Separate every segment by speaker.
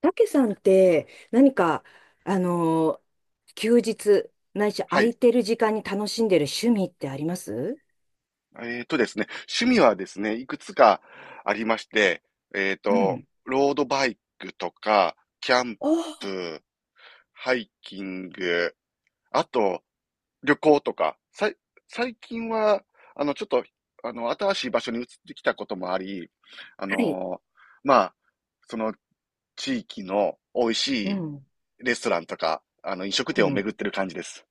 Speaker 1: たけさんって何か、あのー休日、ないし
Speaker 2: は
Speaker 1: 空
Speaker 2: い。
Speaker 1: いてる時間に楽しんでる趣味ってあります？
Speaker 2: ですね、趣味はですね、いくつかありまして、
Speaker 1: うん。
Speaker 2: ロードバイクとか、キャン
Speaker 1: おー
Speaker 2: プ、ハイキング、あと、旅行とか、最近は、ちょっと、新しい場所に移ってきたこともあり、あ
Speaker 1: はい。
Speaker 2: のまあ、その地域の美味
Speaker 1: う
Speaker 2: しい
Speaker 1: ん。
Speaker 2: レストランとか、飲食
Speaker 1: う
Speaker 2: 店を
Speaker 1: ん。
Speaker 2: 巡ってる感じです。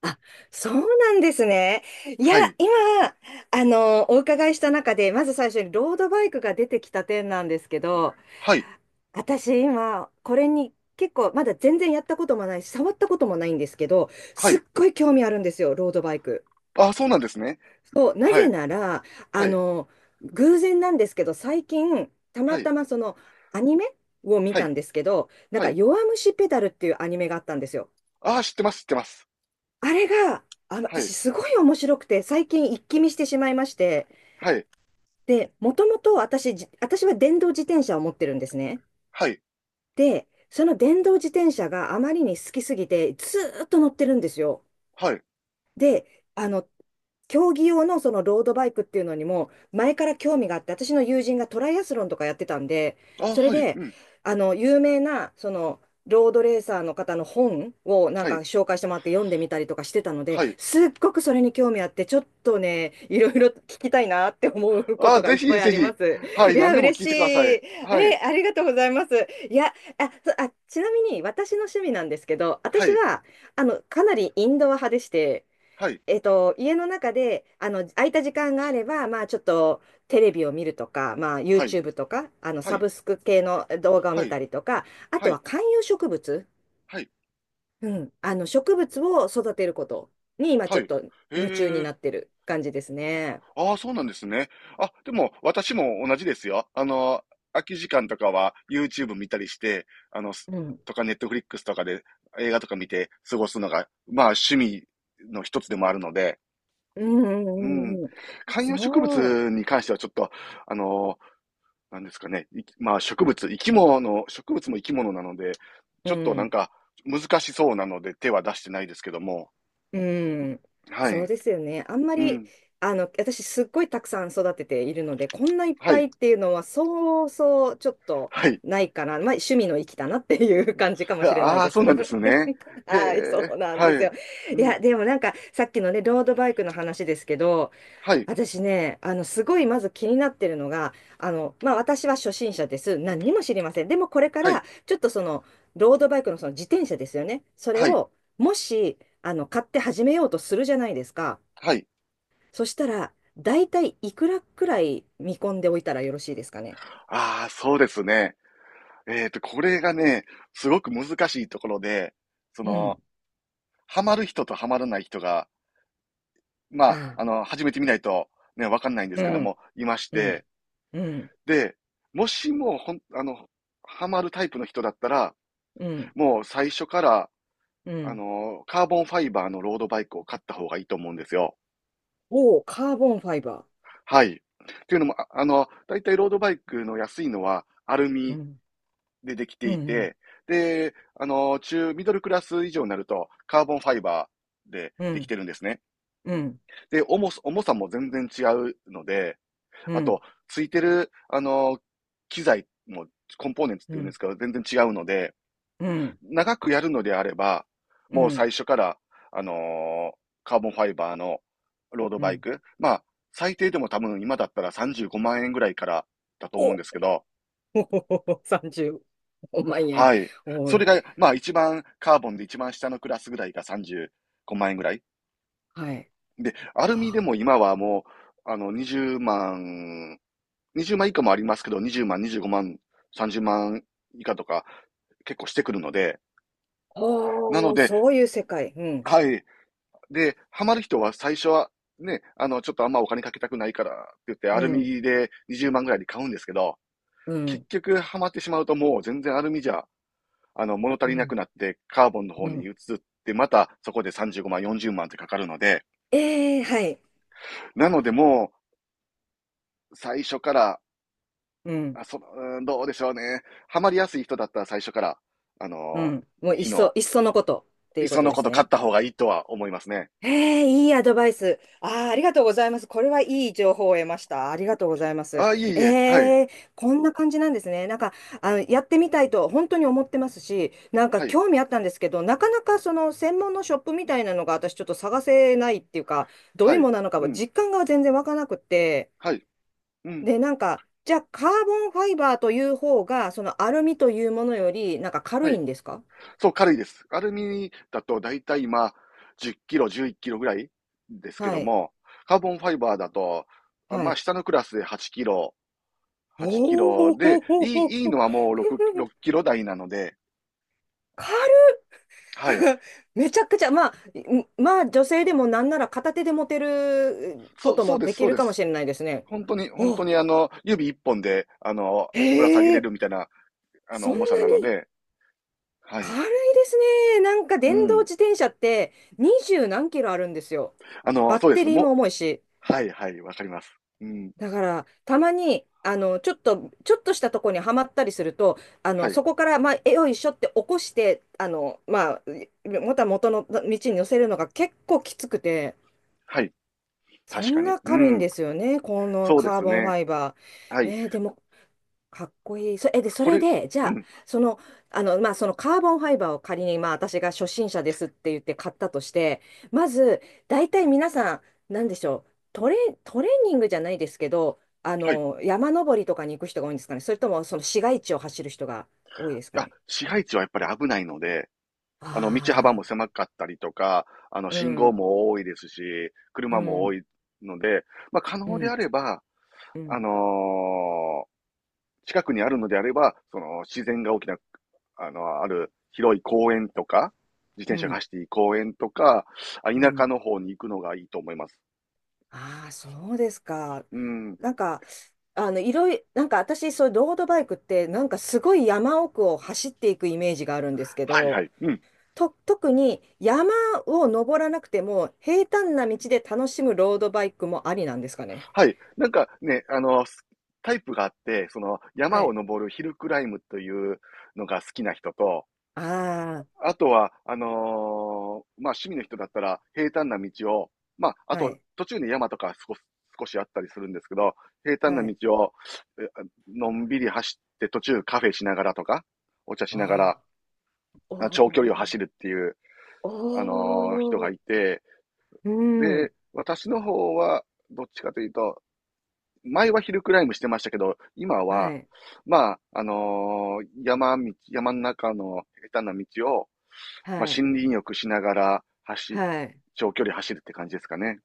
Speaker 1: あ、そうなんですね。いや、
Speaker 2: はい。
Speaker 1: 今、お伺いした中で、まず最初にロードバイクが出てきた点なんですけど、
Speaker 2: はい。
Speaker 1: 私今、これに結構、まだ全然やったこともないし、触ったこともないんですけど、
Speaker 2: は
Speaker 1: すっ
Speaker 2: い。
Speaker 1: ごい興味あるんですよ、ロードバイク。
Speaker 2: あ、そうなんですね。
Speaker 1: そう、な
Speaker 2: は
Speaker 1: ぜ
Speaker 2: い。
Speaker 1: なら、
Speaker 2: は
Speaker 1: あ
Speaker 2: い。
Speaker 1: の、偶然なんですけど、最近、た
Speaker 2: は
Speaker 1: ま
Speaker 2: い。
Speaker 1: たまそのアニメを見
Speaker 2: は
Speaker 1: た
Speaker 2: い。
Speaker 1: んですけど、なん
Speaker 2: は
Speaker 1: か、
Speaker 2: い。
Speaker 1: 弱虫ペダルっていうアニメがあったんですよ。
Speaker 2: ああ、知ってます知ってます。
Speaker 1: あれが、あ、
Speaker 2: は
Speaker 1: 私、
Speaker 2: い。
Speaker 1: すごい面白くて、最近、一気見してしまいまして、
Speaker 2: はい。
Speaker 1: で、もともと私、私は電動自転車を持ってるんですね。
Speaker 2: はい。
Speaker 1: で、その電動自転車があまりに好きすぎて、ずーっと乗ってるんですよ。
Speaker 2: はい。
Speaker 1: で、あの、競技用のそのロードバイクっていうのにも、前から興味があって、私の友人がトライアスロンとかやってたんで、
Speaker 2: ああ、
Speaker 1: それ
Speaker 2: はい。
Speaker 1: で、
Speaker 2: うん。
Speaker 1: 有名な、その、ロードレーサーの方の本をなん
Speaker 2: は
Speaker 1: か
Speaker 2: い。
Speaker 1: 紹介してもらって読んでみたりとかしてたので、
Speaker 2: はい。
Speaker 1: すっごくそれに興味あって、ちょっとね、いろいろ聞きたいなって思うこ
Speaker 2: ああ、
Speaker 1: とが
Speaker 2: ぜ
Speaker 1: いっ
Speaker 2: ひ
Speaker 1: ぱいあ
Speaker 2: ぜ
Speaker 1: りま
Speaker 2: ひ。
Speaker 1: す。
Speaker 2: は
Speaker 1: い
Speaker 2: い。
Speaker 1: や、
Speaker 2: 何でも
Speaker 1: 嬉
Speaker 2: 聞
Speaker 1: し
Speaker 2: い
Speaker 1: い。
Speaker 2: てください。は
Speaker 1: え、
Speaker 2: い。
Speaker 1: ありがとうございます。いや、あ、ちなみに私の趣味なんですけど、
Speaker 2: は
Speaker 1: 私
Speaker 2: い。
Speaker 1: は、かなりインドア派でして、
Speaker 2: はい。
Speaker 1: 家の中で、空いた時間があれば、まあ、ちょっと、テレビを見るとか、まあ、
Speaker 2: はい。
Speaker 1: YouTube とか、
Speaker 2: は
Speaker 1: サ
Speaker 2: い。
Speaker 1: ブスク系の動画を
Speaker 2: は
Speaker 1: 見
Speaker 2: い。
Speaker 1: たりとか、あ
Speaker 2: は
Speaker 1: とは
Speaker 2: い。
Speaker 1: 観葉植物、
Speaker 2: はい。
Speaker 1: うん、植物を育てることに、今、
Speaker 2: は
Speaker 1: ちょ
Speaker 2: い。
Speaker 1: っ
Speaker 2: へ
Speaker 1: と夢中に
Speaker 2: え。
Speaker 1: なってる感じですね。
Speaker 2: ああ、そうなんですね。あ、でも、私も同じですよ。空き時間とかは YouTube 見たりして、
Speaker 1: うん。
Speaker 2: とか Netflix とかで映画とか見て過ごすのが、まあ趣味の一つでもあるので、
Speaker 1: うん、うん、
Speaker 2: うん。
Speaker 1: うんうん。
Speaker 2: 観葉植
Speaker 1: そ
Speaker 2: 物に関してはちょっと、あの、なんですかね。まあ植物、生き物、植物も生き物なので、
Speaker 1: う。
Speaker 2: ち
Speaker 1: う
Speaker 2: ょっとなん
Speaker 1: ん。
Speaker 2: か難しそうなので手は出してないですけども。
Speaker 1: うん、
Speaker 2: は
Speaker 1: そう
Speaker 2: い。
Speaker 1: ですよね。あんま
Speaker 2: う
Speaker 1: り、
Speaker 2: ん。
Speaker 1: 私すっごいたくさん育てているので、こんないっ
Speaker 2: は
Speaker 1: ぱい
Speaker 2: い。
Speaker 1: っていうのは、そうそうちょっと
Speaker 2: はい。
Speaker 1: ないかな。まあ、趣味の域だなっていう感じかもしれない
Speaker 2: ああー、
Speaker 1: で
Speaker 2: そ
Speaker 1: す。
Speaker 2: うなんですね。へ
Speaker 1: はい、そ
Speaker 2: え、
Speaker 1: うなん
Speaker 2: はい。
Speaker 1: ですよ。
Speaker 2: う
Speaker 1: い
Speaker 2: ん、
Speaker 1: や、でもなんか、さっきのね、ロードバイクの話ですけど、
Speaker 2: はい、
Speaker 1: 私ね、すごいまず気になってるのが、まあ、私は初心者です。何にも知りません。でもこれか
Speaker 2: はい、
Speaker 1: ら、ちょっとロードバイクのその自転車ですよね。それ
Speaker 2: はい、
Speaker 1: を、もし、買って始めようとするじゃないですか。
Speaker 2: はい。
Speaker 1: そしたら、大体いくらくらい見込んでおいたらよろしいですかね。
Speaker 2: ああ、そうですね。これがね、すごく難しいところで、そ
Speaker 1: う
Speaker 2: の、
Speaker 1: ん。
Speaker 2: ハマる人とハマらない人が、ま
Speaker 1: あ
Speaker 2: あ、
Speaker 1: あ、
Speaker 2: 始めてみないとね、わかんないんで
Speaker 1: う
Speaker 2: すけど
Speaker 1: ん、
Speaker 2: も、いまし
Speaker 1: う
Speaker 2: て、
Speaker 1: ん、うん、
Speaker 2: で、もしも、ハマるタイプの人だったら、
Speaker 1: うん、
Speaker 2: もう最初から、
Speaker 1: うん。
Speaker 2: カーボンファイバーのロードバイクを買った方がいいと思うんですよ。
Speaker 1: おお、カーボンファイバ
Speaker 2: はい。というのも、だいたいロードバイクの安いのはアル
Speaker 1: ー。う
Speaker 2: ミ
Speaker 1: ん、
Speaker 2: でできて
Speaker 1: う
Speaker 2: い
Speaker 1: ん、
Speaker 2: て、で、ミドルクラス以上になるとカーボンファイバーで
Speaker 1: う
Speaker 2: でき
Speaker 1: ん、
Speaker 2: てるんですね。
Speaker 1: うん、
Speaker 2: で、重さも全然違うので、
Speaker 1: う
Speaker 2: あ
Speaker 1: ん、
Speaker 2: と、ついてる、機材もコンポーネンツっ
Speaker 1: う
Speaker 2: ていうんで
Speaker 1: ん、
Speaker 2: すけど、全然違うので、
Speaker 1: うん、うん、
Speaker 2: 長くやるのであれば、
Speaker 1: う
Speaker 2: もう
Speaker 1: ん。
Speaker 2: 最初から、あのーカーボンファイバーのロード
Speaker 1: う
Speaker 2: バイ
Speaker 1: ん
Speaker 2: ク、まあ、最低でも多分今だったら35万円ぐらいからだと思う
Speaker 1: お
Speaker 2: んですけど、
Speaker 1: 30万円。
Speaker 2: はい。
Speaker 1: お
Speaker 2: それ
Speaker 1: い。
Speaker 2: が、まあ一番、カーボンで一番下のクラスぐらいが35万円ぐらい。
Speaker 1: はい。
Speaker 2: で、アルミで
Speaker 1: は
Speaker 2: も
Speaker 1: あ
Speaker 2: 今はもう、20万、20万以下もありますけど、20万、25万、30万以下とか結構してくるので、なの
Speaker 1: おー、
Speaker 2: で、
Speaker 1: そういう世界。うん。
Speaker 2: はい。で、ハマる人は最初は、ね、ちょっとあんまお金かけたくないからって言って、
Speaker 1: う
Speaker 2: アル
Speaker 1: ん。
Speaker 2: ミで20万ぐらいで買うんですけど、
Speaker 1: う
Speaker 2: 結
Speaker 1: ん。
Speaker 2: 局ハマってしまうともう全然アルミじゃ、物足
Speaker 1: う
Speaker 2: りなく
Speaker 1: ん。
Speaker 2: なって、カーボンの方
Speaker 1: う
Speaker 2: に
Speaker 1: ん。
Speaker 2: 移って、またそこで35万、40万ってかかるので、
Speaker 1: ええはい。
Speaker 2: なのでもう、最初から、
Speaker 1: うん。
Speaker 2: あそうんどうでしょうね。ハマりやすい人だったら最初から、あ
Speaker 1: う
Speaker 2: の
Speaker 1: ん。もう、
Speaker 2: ー、
Speaker 1: い
Speaker 2: い
Speaker 1: っ
Speaker 2: い
Speaker 1: そ、
Speaker 2: の、
Speaker 1: いっそのことって
Speaker 2: い
Speaker 1: い
Speaker 2: っ
Speaker 1: うこ
Speaker 2: そ
Speaker 1: と
Speaker 2: の
Speaker 1: で
Speaker 2: こ
Speaker 1: す
Speaker 2: と買っ
Speaker 1: ね。
Speaker 2: た方がいいとは思いますね。
Speaker 1: ええ、いいアドバイス。ああ、ありがとうございます。これはいい情報を得ました。ありがとうございます。
Speaker 2: あ、いえいえ、はい、
Speaker 1: ええ、こんな感じなんですね。なんか、やってみたいと本当に思ってますし、なんか
Speaker 2: はい、
Speaker 1: 興味あったんですけど、なかなかその専門のショップみたいなのが私ちょっと探せないっていうか、どう
Speaker 2: は
Speaker 1: いう
Speaker 2: い、
Speaker 1: ものなのか
Speaker 2: う
Speaker 1: は
Speaker 2: ん、
Speaker 1: 実感が全然わからなくって、
Speaker 2: はい、うん、
Speaker 1: で、なんか、じゃあカーボンファイバーという方が、そのアルミというものより、なんか軽
Speaker 2: は
Speaker 1: い
Speaker 2: い。
Speaker 1: んですか？
Speaker 2: そう、軽いです。アルミだとだいたい今、10キロ、11キロぐらいですけ
Speaker 1: は
Speaker 2: ど
Speaker 1: い。
Speaker 2: も、カーボンファイバーだと、
Speaker 1: は
Speaker 2: まあ、
Speaker 1: い。
Speaker 2: 下のクラスで8キロ、
Speaker 1: お
Speaker 2: 8キロで、いい
Speaker 1: お、
Speaker 2: のはもう6、6キロ台なので、
Speaker 1: 軽い。
Speaker 2: はい。
Speaker 1: めちゃくちゃ、まあ、女性でもなんなら片手で持てるこ
Speaker 2: そう、
Speaker 1: と
Speaker 2: そう
Speaker 1: も
Speaker 2: で
Speaker 1: で
Speaker 2: す、
Speaker 1: き
Speaker 2: そう
Speaker 1: る
Speaker 2: で
Speaker 1: かも
Speaker 2: す。
Speaker 1: しれないですね。
Speaker 2: 本当に、本当
Speaker 1: お、
Speaker 2: に指一本で、ぶら下げ
Speaker 1: へ
Speaker 2: れ
Speaker 1: え、
Speaker 2: るみたいな、
Speaker 1: そんな
Speaker 2: 重さなの
Speaker 1: に
Speaker 2: で、はい。
Speaker 1: 軽いですね。なんか
Speaker 2: う
Speaker 1: 電動
Speaker 2: ん。
Speaker 1: 自転車って20何キロあるんですよ。バッ
Speaker 2: そうで
Speaker 1: テ
Speaker 2: すね。
Speaker 1: リーも重いし。
Speaker 2: はい、はい、わかります。うん。
Speaker 1: だから、たまに、ちょっとしたとこにはまったりすると、
Speaker 2: はい、
Speaker 1: そこから、まあ、えよいしょって起こして、まあ、また元の道に乗せるのが結構きつくて。
Speaker 2: はい。
Speaker 1: そ
Speaker 2: 確か
Speaker 1: ん
Speaker 2: に。
Speaker 1: な
Speaker 2: う
Speaker 1: 軽いん
Speaker 2: ん。
Speaker 1: ですよね、この
Speaker 2: そうで
Speaker 1: カー
Speaker 2: す
Speaker 1: ボンフ
Speaker 2: ね。
Speaker 1: ァイバ
Speaker 2: は
Speaker 1: ー。
Speaker 2: い。
Speaker 1: でも、かっこいい。そ、え、で、そ
Speaker 2: こ
Speaker 1: れ
Speaker 2: れ、
Speaker 1: で、じゃ
Speaker 2: う
Speaker 1: あ、
Speaker 2: ん、
Speaker 1: その、まあ、そのカーボンファイバーを仮に、まあ、私が初心者ですって言って買ったとして、まず、大体皆さん、なんでしょう、トレーニングじゃないですけど、
Speaker 2: はい。
Speaker 1: 山登りとかに行く人が多いんですかね、それとも、その市街地を走る人が多いですか
Speaker 2: あ、
Speaker 1: ね。
Speaker 2: 市街地はやっぱり危ないので、道幅も
Speaker 1: あ
Speaker 2: 狭かったりとか、
Speaker 1: あ、う
Speaker 2: 信号
Speaker 1: ん、
Speaker 2: も多いですし、
Speaker 1: う
Speaker 2: 車も多
Speaker 1: ん、
Speaker 2: いので、まあ、可
Speaker 1: う
Speaker 2: 能であ
Speaker 1: ん、
Speaker 2: れば、
Speaker 1: う
Speaker 2: あの
Speaker 1: ん、
Speaker 2: ー近くにあるのであれば、その、自然が大きな、ある広い公園とか、自
Speaker 1: う
Speaker 2: 転車が
Speaker 1: ん、
Speaker 2: 走っていい公園とか、
Speaker 1: う
Speaker 2: 田舎
Speaker 1: ん。
Speaker 2: の方に行くのがいいと思います。
Speaker 1: ああ、そうですか。
Speaker 2: うん。
Speaker 1: なんか、いろいなんか私、そういうロードバイクって、なんかすごい山奥を走っていくイメージがあるんですけ
Speaker 2: はいは
Speaker 1: ど、
Speaker 2: い。うん。
Speaker 1: 特に山を登らなくても、平坦な道で楽しむロードバイクもありなんですかね。
Speaker 2: はい。なんかね、タイプがあって、その、
Speaker 1: は
Speaker 2: 山を
Speaker 1: い。
Speaker 2: 登るヒルクライムというのが好きな人と、
Speaker 1: あ
Speaker 2: あとは、まあ、趣味の人だったら、平坦な道を、まあ、あ
Speaker 1: あ、は
Speaker 2: と、
Speaker 1: い、
Speaker 2: 途中に山とか少しあったりするんですけど、平坦な
Speaker 1: はい。
Speaker 2: 道を、えのんびり走って、途中カフェしながらとか、お茶しながら、
Speaker 1: ああ、お
Speaker 2: 長距離を
Speaker 1: ー
Speaker 2: 走るっていう、人
Speaker 1: お
Speaker 2: が
Speaker 1: ー、
Speaker 2: いて、
Speaker 1: うん、
Speaker 2: で、私の方は、どっちかというと、前はヒルクライムしてましたけど、今
Speaker 1: は
Speaker 2: は、
Speaker 1: い、
Speaker 2: まあ、山道、山の中の下手な道を、まあ、
Speaker 1: はい、
Speaker 2: 森林浴しながら
Speaker 1: はい。
Speaker 2: 長距離走るって感じですかね。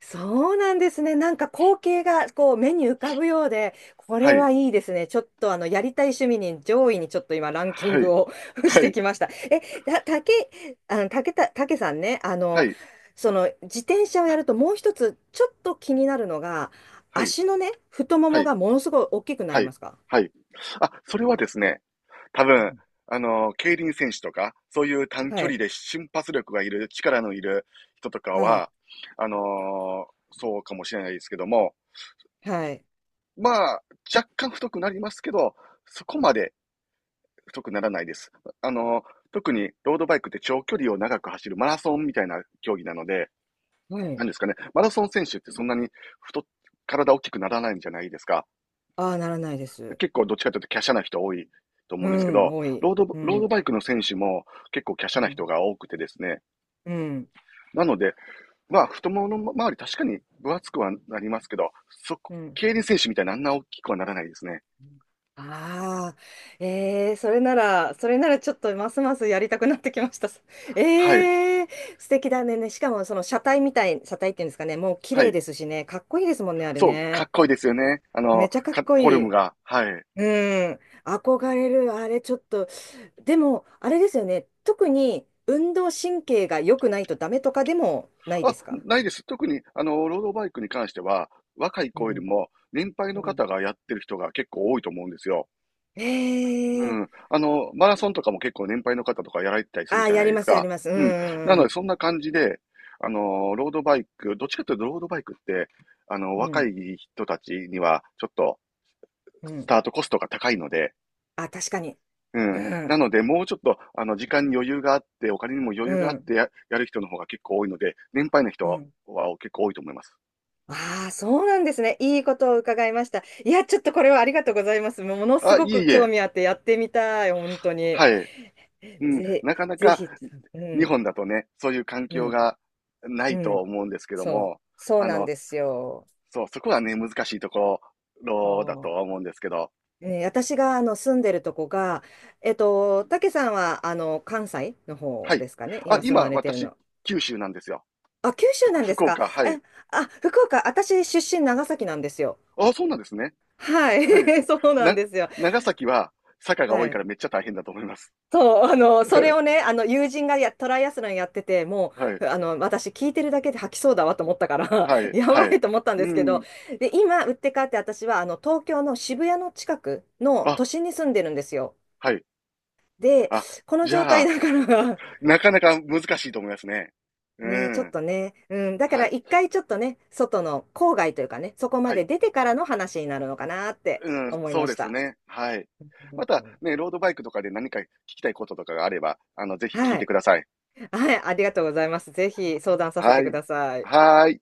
Speaker 1: そうなんですね。なんか光景がこう目に浮かぶようで、こ
Speaker 2: は
Speaker 1: れ
Speaker 2: い、
Speaker 1: はいいですね。ちょっとあのやりたい趣味に上位にちょっと今ランキン
Speaker 2: はい、
Speaker 1: グを し
Speaker 2: は
Speaker 1: て
Speaker 2: い、
Speaker 1: きました。え、た、たけ、たけさんね、
Speaker 2: はい、
Speaker 1: その自転車をやるともう一つちょっと気になるのが、
Speaker 2: はい、
Speaker 1: 足のね、太も
Speaker 2: は
Speaker 1: も
Speaker 2: い、
Speaker 1: がものすごい大きくな
Speaker 2: は
Speaker 1: り
Speaker 2: い、
Speaker 1: ますか？
Speaker 2: はい。あ、それはですね、多
Speaker 1: う
Speaker 2: 分、
Speaker 1: ん。
Speaker 2: 競輪選手とか、そういう短
Speaker 1: は
Speaker 2: 距離
Speaker 1: い。
Speaker 2: で瞬発力がいる、力のいる人とか
Speaker 1: はい。
Speaker 2: は、そうかもしれないですけども、
Speaker 1: はい。
Speaker 2: まあ、若干太くなりますけど、そこまで太くならないです。あの、特にロードバイクって長距離を長く走るマラソンみたいな競技なので、
Speaker 1: は
Speaker 2: な
Speaker 1: い。
Speaker 2: んですかね、マラソン選手ってそんなに太っ、体大きくならないんじゃないですか。
Speaker 1: ああ、ならないです。
Speaker 2: 結構どっちかというと華奢な人多いと思う
Speaker 1: う
Speaker 2: んですけ
Speaker 1: ん、
Speaker 2: ど、
Speaker 1: 多い。う
Speaker 2: ロード
Speaker 1: ん。
Speaker 2: バイクの選手も結構華奢
Speaker 1: う
Speaker 2: な人
Speaker 1: ん。
Speaker 2: が多くてですね。
Speaker 1: うん。
Speaker 2: なので、まあ、太ももの周り確かに分厚くはなりますけど、そこ、
Speaker 1: うん。
Speaker 2: 競輪選手みたいなあんな大きくはならないですね。
Speaker 1: ああ、それなら、それならちょっとますますやりたくなってきました。
Speaker 2: はい。
Speaker 1: えー、素敵だね。ね、しかもその車体っていうんですかね、もう綺
Speaker 2: は
Speaker 1: 麗
Speaker 2: い。
Speaker 1: ですしね、かっこいいですもんね、あれ
Speaker 2: そう、か
Speaker 1: ね。
Speaker 2: っこいいですよね。
Speaker 1: めちゃかっこい
Speaker 2: フォルム
Speaker 1: い。
Speaker 2: が。はい。
Speaker 1: うん、憧れる、あれちょっと。でも、あれですよね、特に運動神経が良くないとダメとかでもないで
Speaker 2: あ、
Speaker 1: すか？
Speaker 2: ないです。特に、ロードバイクに関しては、若い
Speaker 1: う
Speaker 2: 子より
Speaker 1: ん、
Speaker 2: も、年配
Speaker 1: う
Speaker 2: の
Speaker 1: ん。
Speaker 2: 方がやってる人が結構多いと思うんですよ。
Speaker 1: え
Speaker 2: う
Speaker 1: ー、
Speaker 2: ん。マラソンとかも結構年配の方とかやられてたりする
Speaker 1: ああ、
Speaker 2: じゃ
Speaker 1: や
Speaker 2: ない
Speaker 1: り
Speaker 2: で
Speaker 1: ま
Speaker 2: す
Speaker 1: す、や
Speaker 2: か。
Speaker 1: ります。う
Speaker 2: うん。な
Speaker 1: ん、
Speaker 2: の
Speaker 1: う
Speaker 2: で、
Speaker 1: ん、
Speaker 2: そんな感じで、ロードバイク、どっちかというとロードバイクって、
Speaker 1: う
Speaker 2: 若
Speaker 1: ん。
Speaker 2: い人たちには、ちょっと、
Speaker 1: うん、う
Speaker 2: ス
Speaker 1: ん。
Speaker 2: タートコストが高いので、
Speaker 1: あ、確かに。
Speaker 2: うん。
Speaker 1: う
Speaker 2: な
Speaker 1: ん、
Speaker 2: ので、もうちょっと、時間に余裕があって、お金にも余
Speaker 1: う
Speaker 2: 裕があっ
Speaker 1: ん、
Speaker 2: てやる人の方が結構多いので、年配の人
Speaker 1: う
Speaker 2: は
Speaker 1: ん。
Speaker 2: は結構多いと思います。
Speaker 1: ああ、そうなんですね。いいことを伺いました。いや、ちょっとこれはありがとうございます。ものす
Speaker 2: あ、
Speaker 1: ご
Speaker 2: いえ
Speaker 1: く
Speaker 2: い
Speaker 1: 興
Speaker 2: え。
Speaker 1: 味あってやってみたい、本当に。
Speaker 2: はい。うん。
Speaker 1: ぜ、
Speaker 2: なかな
Speaker 1: ぜ
Speaker 2: か、
Speaker 1: ひ、う
Speaker 2: 日
Speaker 1: ん、
Speaker 2: 本だとね、そういう環
Speaker 1: う
Speaker 2: 境
Speaker 1: ん、
Speaker 2: がな
Speaker 1: う
Speaker 2: いと
Speaker 1: ん。
Speaker 2: 思うんですけど
Speaker 1: そう、
Speaker 2: も、
Speaker 1: そう
Speaker 2: あ
Speaker 1: なん
Speaker 2: の、
Speaker 1: ですよ。
Speaker 2: そう、そこはね、難しいとこ
Speaker 1: そ
Speaker 2: ろだとは思うんですけど、
Speaker 1: うね、私が住んでるとこが、たけさんは関西の
Speaker 2: は
Speaker 1: 方
Speaker 2: い。
Speaker 1: ですかね、
Speaker 2: あ、
Speaker 1: 今住まわ
Speaker 2: 今、
Speaker 1: れてる
Speaker 2: 私、
Speaker 1: の？
Speaker 2: 九州なんですよ。
Speaker 1: あ、九州なんです
Speaker 2: 福
Speaker 1: か。
Speaker 2: 岡、はい。
Speaker 1: え、あ、福岡、私出身長崎なんですよ。
Speaker 2: あ、そうなんですね。
Speaker 1: はい、
Speaker 2: はい。
Speaker 1: そうなん
Speaker 2: な、
Speaker 1: ですよ。
Speaker 2: 長崎は坂が
Speaker 1: は
Speaker 2: 多いから
Speaker 1: い。
Speaker 2: めっちゃ大変だと思います。
Speaker 1: そう、それを ね、友人がトライアスロンやってて、も
Speaker 2: はい。
Speaker 1: う、私聞いてるだけで吐きそうだわと思ったから、
Speaker 2: は い。
Speaker 1: や
Speaker 2: は
Speaker 1: ば
Speaker 2: い。
Speaker 1: いと思ったん
Speaker 2: う
Speaker 1: ですけど、
Speaker 2: ん。
Speaker 1: で、今、売って変わって私は、東京の渋谷の近くの
Speaker 2: あ、
Speaker 1: 都心に住んでるんですよ。
Speaker 2: はい。
Speaker 1: で、
Speaker 2: あ、
Speaker 1: この
Speaker 2: じ
Speaker 1: 状
Speaker 2: ゃ
Speaker 1: 態
Speaker 2: あ、
Speaker 1: だから
Speaker 2: なかなか難しいと思いますね。う
Speaker 1: ね、ちょっ
Speaker 2: ん。
Speaker 1: とね、うん、だか
Speaker 2: は
Speaker 1: ら
Speaker 2: い。
Speaker 1: 一回ちょっとね、外の郊外というかね、そこ
Speaker 2: は
Speaker 1: まで
Speaker 2: い。
Speaker 1: 出てからの話になるのかなって
Speaker 2: うん。
Speaker 1: 思い
Speaker 2: そう
Speaker 1: ま
Speaker 2: で
Speaker 1: し
Speaker 2: す
Speaker 1: た。
Speaker 2: ね。はい。
Speaker 1: う
Speaker 2: また
Speaker 1: ん
Speaker 2: ね、ロードバイクとかで何か聞きたいこととかがあれば、ぜひ聞い
Speaker 1: は
Speaker 2: て
Speaker 1: い。
Speaker 2: ください。
Speaker 1: はい、ありがとうございます。ぜひ相談させ
Speaker 2: は
Speaker 1: てく
Speaker 2: い。
Speaker 1: ださい。
Speaker 2: はい。